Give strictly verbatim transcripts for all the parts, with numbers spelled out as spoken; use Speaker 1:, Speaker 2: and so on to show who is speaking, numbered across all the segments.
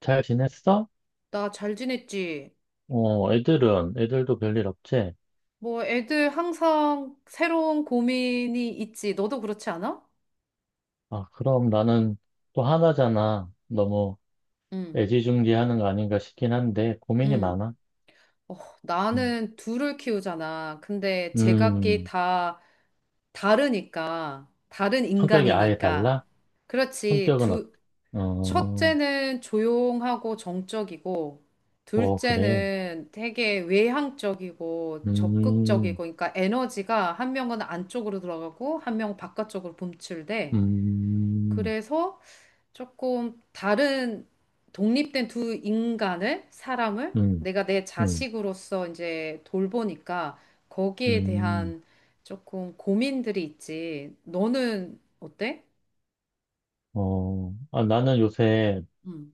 Speaker 1: 잘 지냈어?
Speaker 2: 나 잘 지냈지?
Speaker 1: 어, 애들은, 애들도 별일 없지?
Speaker 2: 뭐 애들 항상 새로운 고민이 있지. 너도 그렇지 않아?
Speaker 1: 아, 그럼 나는 또 하나잖아. 너무
Speaker 2: 응,
Speaker 1: 애지중지하는 거 아닌가 싶긴 한데, 고민이
Speaker 2: 응.
Speaker 1: 많아.
Speaker 2: 어,
Speaker 1: 음,
Speaker 2: 나는 둘을 키우잖아. 근데 제각기
Speaker 1: 음,
Speaker 2: 다 다르니까. 다른
Speaker 1: 성격이 아예
Speaker 2: 인간이니까.
Speaker 1: 달라?
Speaker 2: 그렇지.
Speaker 1: 성격은 어때?
Speaker 2: 두,
Speaker 1: 어,
Speaker 2: 첫째는 조용하고 정적이고,
Speaker 1: 어, 그래.
Speaker 2: 둘째는 되게 외향적이고 적극적이고,
Speaker 1: 음,
Speaker 2: 그러니까 에너지가 한 명은 안쪽으로 들어가고, 한 명은 바깥쪽으로 분출돼.
Speaker 1: 음,
Speaker 2: 그래서 조금 다른 독립된 두 인간을, 사람을
Speaker 1: 음,
Speaker 2: 내가 내
Speaker 1: 음,
Speaker 2: 자식으로서 이제 돌보니까 거기에
Speaker 1: 음,
Speaker 2: 대한 조금 고민들이 있지. 너는 어때?
Speaker 1: 어, 아, 나는 요새
Speaker 2: 음.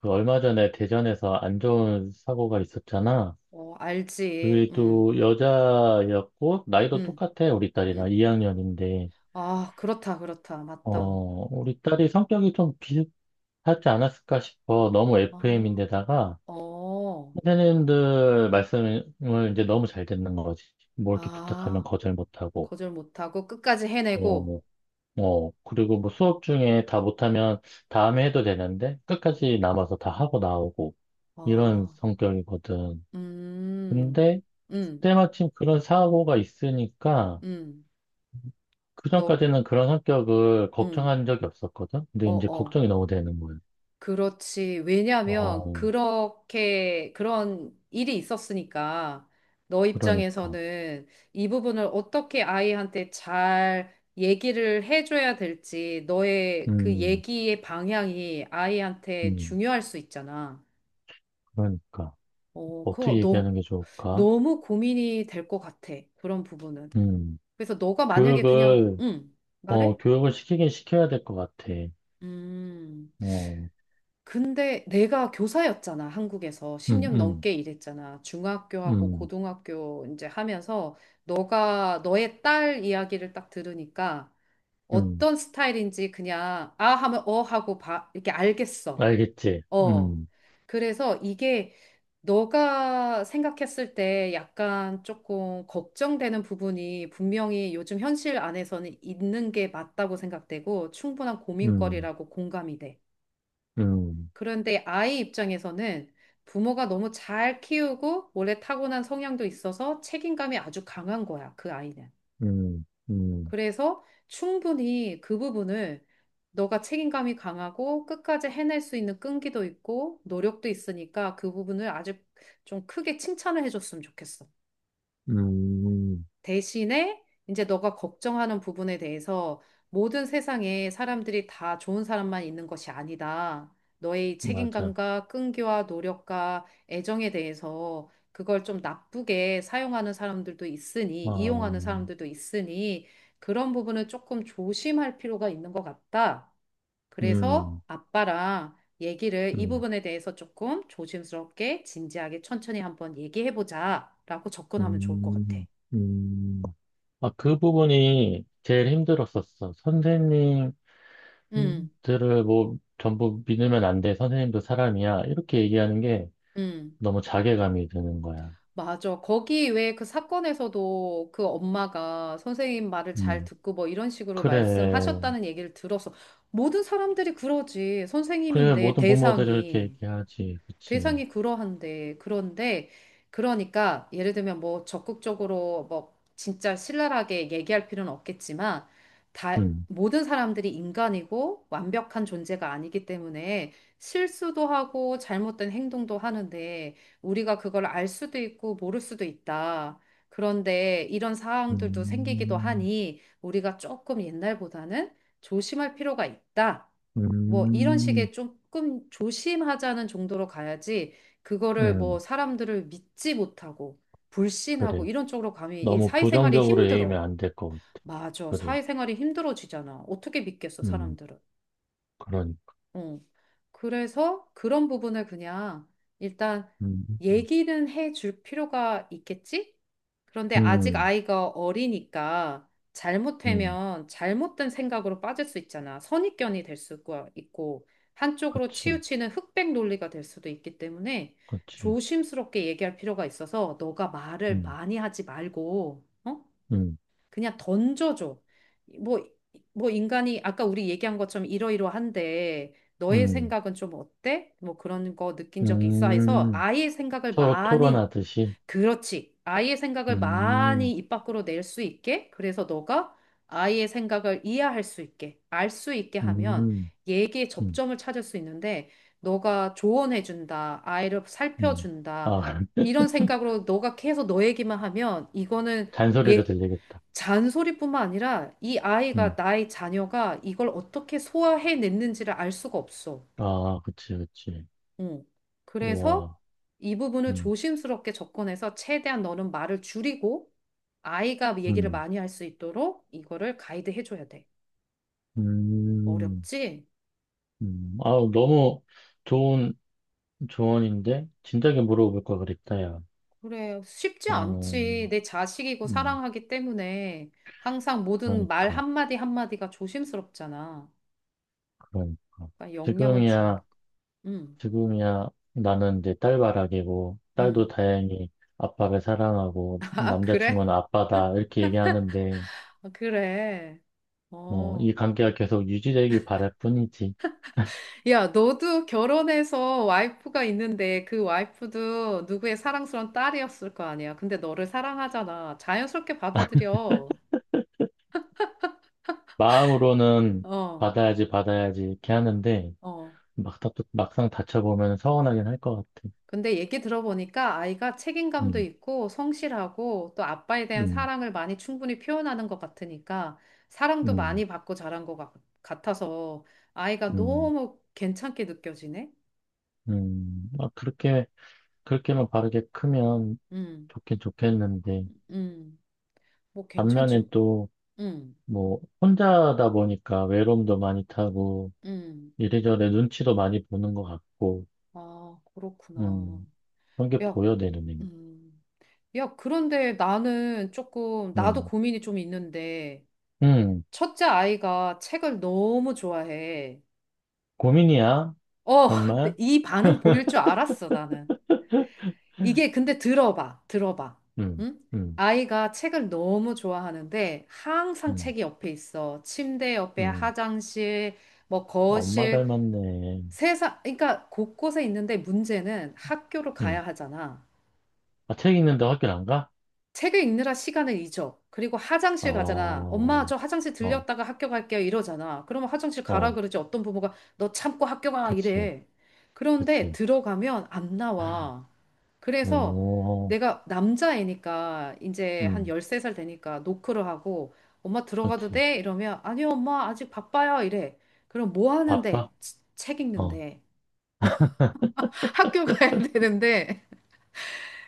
Speaker 1: 그 얼마 전에 대전에서 안 좋은 사고가 있었잖아.
Speaker 2: 어, 알지.
Speaker 1: 그게
Speaker 2: 음,
Speaker 1: 또 여자였고, 나이도
Speaker 2: 음,
Speaker 1: 똑같아, 우리
Speaker 2: 음.
Speaker 1: 딸이랑 이 학년인데,
Speaker 2: 아, 그렇다, 그렇다.
Speaker 1: 어,
Speaker 2: 맞다.
Speaker 1: 우리 딸이 성격이 좀 비슷하지 않았을까 싶어. 너무
Speaker 2: 아,
Speaker 1: 에프엠인데다가,
Speaker 2: 어,
Speaker 1: 선생님들 말씀을 이제 너무 잘 듣는 거지. 뭐 이렇게 부탁하면
Speaker 2: 아,
Speaker 1: 거절 못하고,
Speaker 2: 거절 못하고 끝까지
Speaker 1: 어,
Speaker 2: 해내고,
Speaker 1: 뭐, 어, 그리고 뭐 수업 중에 다 못하면 다음에 해도 되는데, 끝까지 남아서 다 하고 나오고, 이런
Speaker 2: 아,
Speaker 1: 성격이거든.
Speaker 2: 음,
Speaker 1: 근데,
Speaker 2: 음,
Speaker 1: 때마침 그런 사고가 있으니까,
Speaker 2: 음, 너,
Speaker 1: 그전까지는 그런 성격을
Speaker 2: 음,
Speaker 1: 걱정한 적이 없었거든? 근데
Speaker 2: 어,
Speaker 1: 이제
Speaker 2: 어.
Speaker 1: 걱정이 너무 되는 거예요.
Speaker 2: 그렇지. 왜냐하면
Speaker 1: 어,
Speaker 2: 그렇게 그런 일이 있었으니까 너
Speaker 1: 그러니까.
Speaker 2: 입장에서는 이 부분을 어떻게 아이한테 잘 얘기를 해줘야 될지 너의 그
Speaker 1: 음,
Speaker 2: 얘기의 방향이 아이한테
Speaker 1: 음,
Speaker 2: 중요할 수 있잖아.
Speaker 1: 그러니까.
Speaker 2: 어,
Speaker 1: 어떻게
Speaker 2: 그거
Speaker 1: 얘기하는
Speaker 2: 너,
Speaker 1: 게 좋을까?
Speaker 2: 너무 고민이 될 것 같아. 그런 부분은.
Speaker 1: 음,
Speaker 2: 그래서 너가 만약에 그냥,
Speaker 1: 교육을,
Speaker 2: 응, 말해?
Speaker 1: 어, 교육을 시키긴 시켜야 될 것 같아.
Speaker 2: 음.
Speaker 1: 어,
Speaker 2: 근데 내가 교사였잖아, 한국에서.
Speaker 1: 음,
Speaker 2: 십 년
Speaker 1: 음,
Speaker 2: 넘게 일했잖아. 중학교하고
Speaker 1: 음,
Speaker 2: 고등학교 이제 하면서 너가 너의 딸 이야기를 딱 들으니까
Speaker 1: 음.
Speaker 2: 어떤 스타일인지 그냥 아 하면 어 하고 봐 이렇게 알겠어.
Speaker 1: 알겠지?
Speaker 2: 어.
Speaker 1: 음,
Speaker 2: 그래서 이게 너가 생각했을 때 약간 조금 걱정되는 부분이 분명히 요즘 현실 안에서는 있는 게 맞다고 생각되고 충분한
Speaker 1: 음,
Speaker 2: 고민거리라고 공감이 돼.
Speaker 1: 음,
Speaker 2: 그런데 아이 입장에서는 부모가 너무 잘 키우고 원래 타고난 성향도 있어서 책임감이 아주 강한 거야, 그 아이는.
Speaker 1: 음, 음,
Speaker 2: 그래서 충분히 그 부분을 너가 책임감이 강하고 끝까지 해낼 수 있는 끈기도 있고 노력도 있으니까 그 부분을 아주 좀 크게 칭찬을 해줬으면 좋겠어.
Speaker 1: 음, 음.
Speaker 2: 대신에 이제 너가 걱정하는 부분에 대해서 모든 세상에 사람들이 다 좋은 사람만 있는 것이 아니다. 너의 이
Speaker 1: 맞아.
Speaker 2: 책임감과 끈기와 노력과 애정에 대해서 그걸 좀 나쁘게 사용하는 사람들도 있으니,
Speaker 1: 어,
Speaker 2: 이용하는 사람들도 있으니, 그런 부분은 조금 조심할 필요가 있는 것 같다. 그래서
Speaker 1: 음,
Speaker 2: 아빠랑 얘기를 이
Speaker 1: 음,
Speaker 2: 부분에 대해서 조금 조심스럽게, 진지하게, 천천히 한번 얘기해보자라고 접근하면 좋을 것 같아.
Speaker 1: 음, 음. 아, 그 부분이 제일 힘들었었어. 선생님들을
Speaker 2: 음.
Speaker 1: 뭐 전부 믿으면 안 돼. 선생님도 사람이야. 이렇게 얘기하는 게
Speaker 2: 음,
Speaker 1: 너무 자괴감이 드는 거야.
Speaker 2: 맞아. 거기 왜 그 사건에서도 그 엄마가 선생님 말을 잘
Speaker 1: 음,
Speaker 2: 듣고 뭐 이런 식으로
Speaker 1: 그래.
Speaker 2: 말씀하셨다는 얘기를 들어서 모든 사람들이 그러지.
Speaker 1: 그래,
Speaker 2: 선생님인데
Speaker 1: 모든 부모들이 이렇게
Speaker 2: 대상이.
Speaker 1: 얘기하지. 그치.
Speaker 2: 대상이 그러한데, 그런데, 그러니까, 예를 들면 뭐 적극적으로 뭐 진짜 신랄하게 얘기할 필요는 없겠지만, 다,
Speaker 1: 음,
Speaker 2: 모든 사람들이 인간이고 완벽한 존재가 아니기 때문에 실수도 하고 잘못된 행동도 하는데, 우리가 그걸 알 수도 있고 모를 수도 있다. 그런데 이런 상황들도 생기기도
Speaker 1: 음,
Speaker 2: 하니, 우리가 조금 옛날보다는 조심할 필요가 있다. 뭐 이런
Speaker 1: 음,
Speaker 2: 식의 조금 조심하자는 정도로 가야지 그거를
Speaker 1: 음,
Speaker 2: 뭐 사람들을 믿지 못하고 불신하고
Speaker 1: 그래.
Speaker 2: 이런 쪽으로 가면 이
Speaker 1: 너무
Speaker 2: 사회생활이
Speaker 1: 부정적으로
Speaker 2: 힘들어.
Speaker 1: 얘기하면 안 될 것 같아.
Speaker 2: 맞아.
Speaker 1: 그래.
Speaker 2: 사회생활이 힘들어지잖아. 어떻게 믿겠어,
Speaker 1: 음,
Speaker 2: 사람들을.
Speaker 1: 그러니까.
Speaker 2: 어. 그래서 그런 부분을 그냥 일단
Speaker 1: 음,
Speaker 2: 얘기는 해줄 필요가 있겠지? 그런데 아직
Speaker 1: 음,
Speaker 2: 아이가 어리니까
Speaker 1: 음,
Speaker 2: 잘못되면 잘못된 생각으로 빠질 수 있잖아. 선입견이 될 수가 있고, 한쪽으로
Speaker 1: 그치.
Speaker 2: 치우치는 흑백 논리가 될 수도 있기 때문에
Speaker 1: 그치.
Speaker 2: 조심스럽게 얘기할 필요가 있어서 너가 말을
Speaker 1: 음,
Speaker 2: 많이 하지 말고, 어?
Speaker 1: 음,
Speaker 2: 그냥 던져줘. 뭐, 뭐 인간이 아까 우리 얘기한 것처럼 이러이러한데 너의
Speaker 1: 음.
Speaker 2: 생각은 좀 어때? 뭐 그런 거 느낀 적이 있어 해서
Speaker 1: 음,
Speaker 2: 아이의 생각을
Speaker 1: 서로
Speaker 2: 많이,
Speaker 1: 토론하듯이.
Speaker 2: 그렇지. 아이의 생각을 많이
Speaker 1: 음,
Speaker 2: 입 밖으로 낼 수 있게. 그래서 너가 아이의 생각을 이해할 수 있게, 알 수 있게 하면
Speaker 1: 음,
Speaker 2: 얘기의
Speaker 1: 음,
Speaker 2: 접점을 찾을 수 있는데 너가 조언해준다, 아이를
Speaker 1: 음.
Speaker 2: 살펴준다,
Speaker 1: 아,
Speaker 2: 이런 생각으로 너가 계속 너 얘기만 하면 이거는
Speaker 1: 잔소리로
Speaker 2: 얘
Speaker 1: 들리겠다.
Speaker 2: 잔소리뿐만 아니라 이 아이가,
Speaker 1: 음,
Speaker 2: 나의 자녀가 이걸 어떻게 소화해냈는지를 알 수가 없어.
Speaker 1: 아, 그치, 그치.
Speaker 2: 응. 그래서
Speaker 1: 우와,
Speaker 2: 이 부분을
Speaker 1: 음,
Speaker 2: 조심스럽게 접근해서 최대한 너는 말을 줄이고 아이가 얘기를
Speaker 1: 음,
Speaker 2: 많이 할 수 있도록 이거를 가이드해줘야 돼.
Speaker 1: 음,
Speaker 2: 어렵지?
Speaker 1: 음. 아, 너무 좋은 조언인데? 진작에 물어볼 걸 그랬다, 야.
Speaker 2: 그래, 쉽지
Speaker 1: 어,
Speaker 2: 않지. 내 자식이고
Speaker 1: 음,
Speaker 2: 사랑하기 때문에 항상 모든 말
Speaker 1: 그러니까,
Speaker 2: 한마디 한마디가 조심스럽잖아.
Speaker 1: 그러니까.
Speaker 2: 그러니까 영향을
Speaker 1: 지금이야.
Speaker 2: 주니까. 응,
Speaker 1: 지금이야 나는 이제 딸바라기고
Speaker 2: 응.
Speaker 1: 딸도 다행히 아빠를 사랑하고
Speaker 2: 아, 그래?
Speaker 1: 남자친구는 아빠다 이렇게 얘기하는데
Speaker 2: 아, 그래.
Speaker 1: 뭐 이
Speaker 2: 어.
Speaker 1: 관계가 계속 유지되길 바랄 뿐이지
Speaker 2: 야, 너도 결혼해서 와이프가 있는데 그 와이프도 누구의 사랑스러운 딸이었을 거 아니야. 근데 너를 사랑하잖아. 자연스럽게 받아들여.
Speaker 1: 마음으로는
Speaker 2: 어,
Speaker 1: 받아야지 받아야지 이렇게 하는데
Speaker 2: 어.
Speaker 1: 막, 다- 막상 다쳐보면 서운하긴 할 것 같아.
Speaker 2: 근데 얘기 들어보니까 아이가 책임감도
Speaker 1: 음,
Speaker 2: 있고 성실하고 또 아빠에 대한
Speaker 1: 음,
Speaker 2: 사랑을 많이 충분히 표현하는 것 같으니까 사랑도
Speaker 1: 음,
Speaker 2: 많이 받고 자란 것 같- 같아서 아이가
Speaker 1: 음,
Speaker 2: 너무 괜찮게 느껴지네.
Speaker 1: 음. 막 그렇게 그렇게만 바르게 크면
Speaker 2: 음,
Speaker 1: 좋긴 좋겠는데
Speaker 2: 음. 뭐
Speaker 1: 반면에
Speaker 2: 괜찮지.
Speaker 1: 또
Speaker 2: 음,
Speaker 1: 뭐 혼자다 보니까 외로움도 많이 타고
Speaker 2: 음.
Speaker 1: 이래저래 눈치도 많이 보는 것 같고,
Speaker 2: 아, 그렇구나.
Speaker 1: 음, 그런 게
Speaker 2: 야,
Speaker 1: 보여, 내 눈에는.
Speaker 2: 음. 야, 그런데 나는 조금, 나도
Speaker 1: 음,
Speaker 2: 고민이 좀 있는데,
Speaker 1: 음,
Speaker 2: 첫째 아이가 책을 너무 좋아해.
Speaker 1: 고민이야.
Speaker 2: 어, 근데
Speaker 1: 정말?
Speaker 2: 이 반응 보일 줄 알았어, 나는. 이게 근데 들어봐, 들어봐.
Speaker 1: 음,
Speaker 2: 응?
Speaker 1: 음,
Speaker 2: 아이가 책을 너무 좋아하는데, 항상
Speaker 1: 음,
Speaker 2: 책이 옆에 있어. 침대 옆에
Speaker 1: 음.
Speaker 2: 화장실, 뭐
Speaker 1: 엄마
Speaker 2: 거실,
Speaker 1: 닮았네.
Speaker 2: 세상, 그러니까 곳곳에 있는데 문제는 학교를
Speaker 1: 음.
Speaker 2: 가야 하잖아.
Speaker 1: 아, 책 읽는데 학교 안 가?
Speaker 2: 책을 읽느라 시간을 잊어. 그리고 화장실 가잖아.
Speaker 1: 어,
Speaker 2: 엄마, 저 화장실
Speaker 1: 어,
Speaker 2: 들렸다가 학교 갈게요. 이러잖아. 그러면 화장실 가라
Speaker 1: 어,
Speaker 2: 그러지. 어떤 부모가 너 참고 학교 가.
Speaker 1: 그치,
Speaker 2: 이래. 그런데
Speaker 1: 그치.
Speaker 2: 들어가면 안
Speaker 1: 아,
Speaker 2: 나와. 그래서
Speaker 1: 오,
Speaker 2: 내가 남자애니까 이제 한
Speaker 1: 음,
Speaker 2: 열세 살 되니까 노크를 하고 엄마 들어가도
Speaker 1: 그치.
Speaker 2: 돼? 이러면 아니요, 엄마 아직 바빠요. 이래. 그럼 뭐 하는데?
Speaker 1: 바빠?
Speaker 2: 치- 책
Speaker 1: 어,
Speaker 2: 읽는데. 학교 가야 되는데.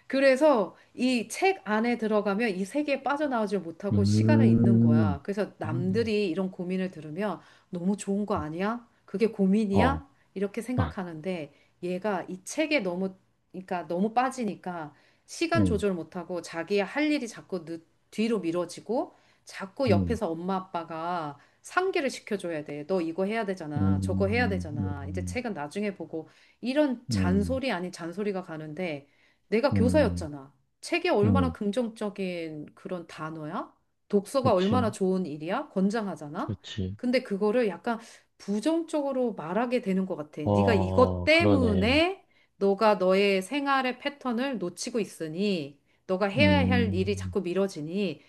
Speaker 2: 그래서 이 책 안에 들어가면 이 세계에 빠져나오지 못하고 시간을 잃는
Speaker 1: 음,
Speaker 2: 거야. 그래서
Speaker 1: 음,
Speaker 2: 남들이 이런 고민을 들으면 너무 좋은 거 아니야? 그게
Speaker 1: 어,
Speaker 2: 고민이야? 이렇게 생각하는데 얘가 이 책에 너무, 그러니까 너무 빠지니까 시간
Speaker 1: 음,
Speaker 2: 조절 못하고 자기 할 일이 자꾸 늦, 뒤로 미뤄지고 자꾸
Speaker 1: 음,
Speaker 2: 옆에서 엄마 아빠가 상기를 시켜줘야 돼. 너 이거 해야 되잖아. 저거 해야
Speaker 1: 음,
Speaker 2: 되잖아. 이제 책은 나중에 보고 이런
Speaker 1: 음, 음,
Speaker 2: 잔소리 아닌 잔소리가 가는데 내가
Speaker 1: 음.
Speaker 2: 교사였잖아. 책이 얼마나
Speaker 1: 음,
Speaker 2: 긍정적인 그런 단어야? 독서가 얼마나
Speaker 1: 그치,
Speaker 2: 좋은 일이야? 권장하잖아.
Speaker 1: 그치.
Speaker 2: 근데 그거를 약간 부정적으로 말하게 되는 것 같아. 네가 이것
Speaker 1: 어, 그러네.
Speaker 2: 때문에 너가 너의 생활의 패턴을 놓치고 있으니 너가 해야 할 일이
Speaker 1: 음,
Speaker 2: 자꾸 미뤄지니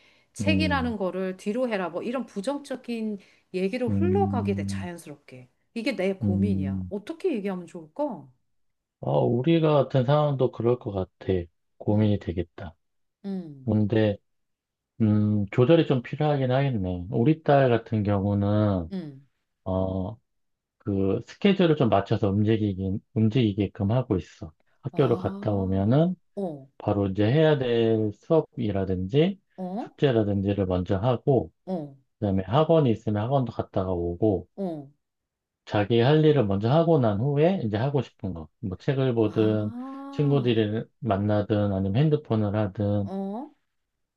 Speaker 1: 음,
Speaker 2: 책이라는 거를 뒤로 해라. 뭐 이런 부정적인 얘기로 흘러가게 돼,
Speaker 1: 음,
Speaker 2: 자연스럽게. 이게 내 고민이야.
Speaker 1: 음.
Speaker 2: 어떻게 얘기하면 좋을까?
Speaker 1: 아, 우리가 같은 상황도 그럴 것 같아. 고민이
Speaker 2: 응
Speaker 1: 되겠다.
Speaker 2: 응
Speaker 1: 근데, 음, 조절이 좀 필요하긴 하겠네. 우리 딸 같은 경우는,
Speaker 2: 응
Speaker 1: 어, 그, 스케줄을 좀 맞춰서 움직이긴, 움직이게끔 하고 있어. 학교를 갔다
Speaker 2: 아,
Speaker 1: 오면은,
Speaker 2: 어,
Speaker 1: 바로 이제 해야 될 수업이라든지,
Speaker 2: 어,
Speaker 1: 숙제라든지를 먼저 하고,
Speaker 2: 어,
Speaker 1: 그다음에 학원이 있으면 학원도 갔다가 오고
Speaker 2: 어,
Speaker 1: 자기 할 일을 먼저 하고 난 후에 이제 하고 싶은 거. 뭐 책을 보든
Speaker 2: 아,
Speaker 1: 친구들을 만나든 아니면 핸드폰을 하든
Speaker 2: 어,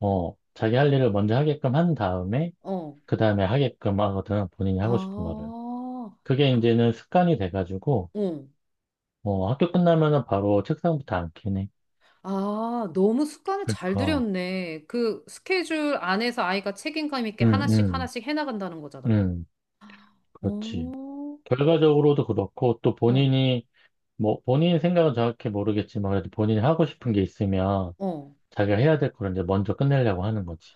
Speaker 1: 어 자기 할 일을 먼저 하게끔 한 다음에
Speaker 2: 어,
Speaker 1: 그다음에 하게끔 하거든 본인이 하고 싶은 거를.
Speaker 2: 아,
Speaker 1: 그게
Speaker 2: 그,
Speaker 1: 이제는 습관이 돼가지고
Speaker 2: 어.
Speaker 1: 어 학교 끝나면은 바로 책상부터 앉긴 해.
Speaker 2: 아, 너무 습관을 잘
Speaker 1: 그러니까
Speaker 2: 들였네. 그 스케줄 안에서 아이가 책임감 있게
Speaker 1: 음,
Speaker 2: 하나씩
Speaker 1: 음,
Speaker 2: 하나씩 해나간다는 거잖아.
Speaker 1: 음, 그렇지.
Speaker 2: 어,
Speaker 1: 결과적으로도 그렇고 또
Speaker 2: 어,
Speaker 1: 본인이 뭐 본인 생각은 정확히 모르겠지만 그래도 본인이 하고 싶은 게 있으면
Speaker 2: 어.
Speaker 1: 자기가 해야 될 걸 이제 먼저 끝내려고 하는 거지.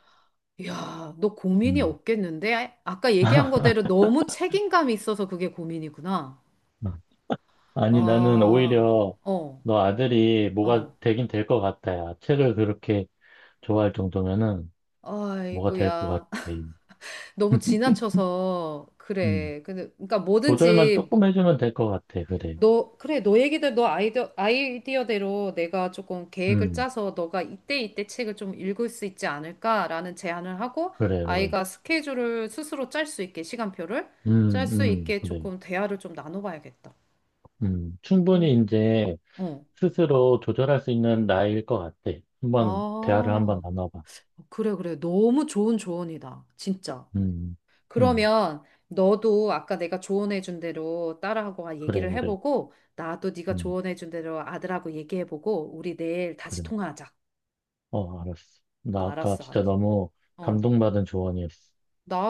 Speaker 2: 야, 너 고민이
Speaker 1: 음.
Speaker 2: 없겠는데? 아까 얘기한 거대로 너무 책임감이 있어서 그게 고민이구나.
Speaker 1: 아니 나는
Speaker 2: 아,
Speaker 1: 오히려
Speaker 2: 어,
Speaker 1: 너 아들이 뭐가
Speaker 2: 어.
Speaker 1: 되긴 될 것 같아. 야 책을 그렇게 좋아할 정도면은 뭐가 될 것
Speaker 2: 아이고야.
Speaker 1: 같아.
Speaker 2: 너무 지나쳐서
Speaker 1: 음.
Speaker 2: 그래. 근데 그러니까
Speaker 1: 조절만
Speaker 2: 뭐든지
Speaker 1: 조금 해주면 될 것 같아. 그래.
Speaker 2: 너 그래 너 얘기들 너 아이디어 아이디어대로 내가 조금 계획을
Speaker 1: 음.
Speaker 2: 짜서 너가 이때 이때 책을 좀 읽을 수 있지 않을까라는 제안을 하고
Speaker 1: 그래 그래.
Speaker 2: 아이가 스케줄을 스스로 짤 수 있게 시간표를 짤
Speaker 1: 음.
Speaker 2: 수
Speaker 1: 음.
Speaker 2: 있게
Speaker 1: 그래.
Speaker 2: 조금 대화를 좀 나눠봐야겠다.
Speaker 1: 음.
Speaker 2: 음.
Speaker 1: 충분히 이제
Speaker 2: 어.
Speaker 1: 스스로 조절할 수 있는 나이일 것 같아. 한번 대화를 한번
Speaker 2: 아,
Speaker 1: 나눠봐.
Speaker 2: 그래, 그래. 너무 좋은 조언이다. 진짜.
Speaker 1: 음, 음,
Speaker 2: 그러면 너도 아까 내가 조언해준 대로 딸하고 아,
Speaker 1: 그래,
Speaker 2: 얘기를
Speaker 1: 그래,
Speaker 2: 해보고 나도 네가
Speaker 1: 음,
Speaker 2: 조언해준 대로 아들하고 얘기해보고 우리 내일 다시
Speaker 1: 그래.
Speaker 2: 통화하자.
Speaker 1: 어, 알았어. 나
Speaker 2: 아,
Speaker 1: 아까
Speaker 2: 알았어, 알았어.
Speaker 1: 진짜 너무
Speaker 2: 어.
Speaker 1: 감동받은 조언이었어.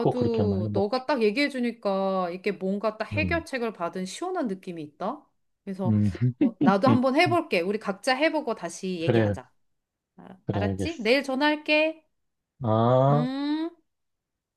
Speaker 1: 꼭 그렇게 한번 해볼게.
Speaker 2: 너가 딱 얘기해주니까 이게 뭔가 딱
Speaker 1: 음,
Speaker 2: 해결책을 받은 시원한 느낌이 있다. 그래서
Speaker 1: 음,
Speaker 2: 어, 나도 한번 해볼게. 우리 각자 해보고 다시
Speaker 1: 그래,
Speaker 2: 얘기하자. 알-
Speaker 1: 그래,
Speaker 2: 알았지?
Speaker 1: 알겠어.
Speaker 2: 내일 전화할게.
Speaker 1: 아.
Speaker 2: 음.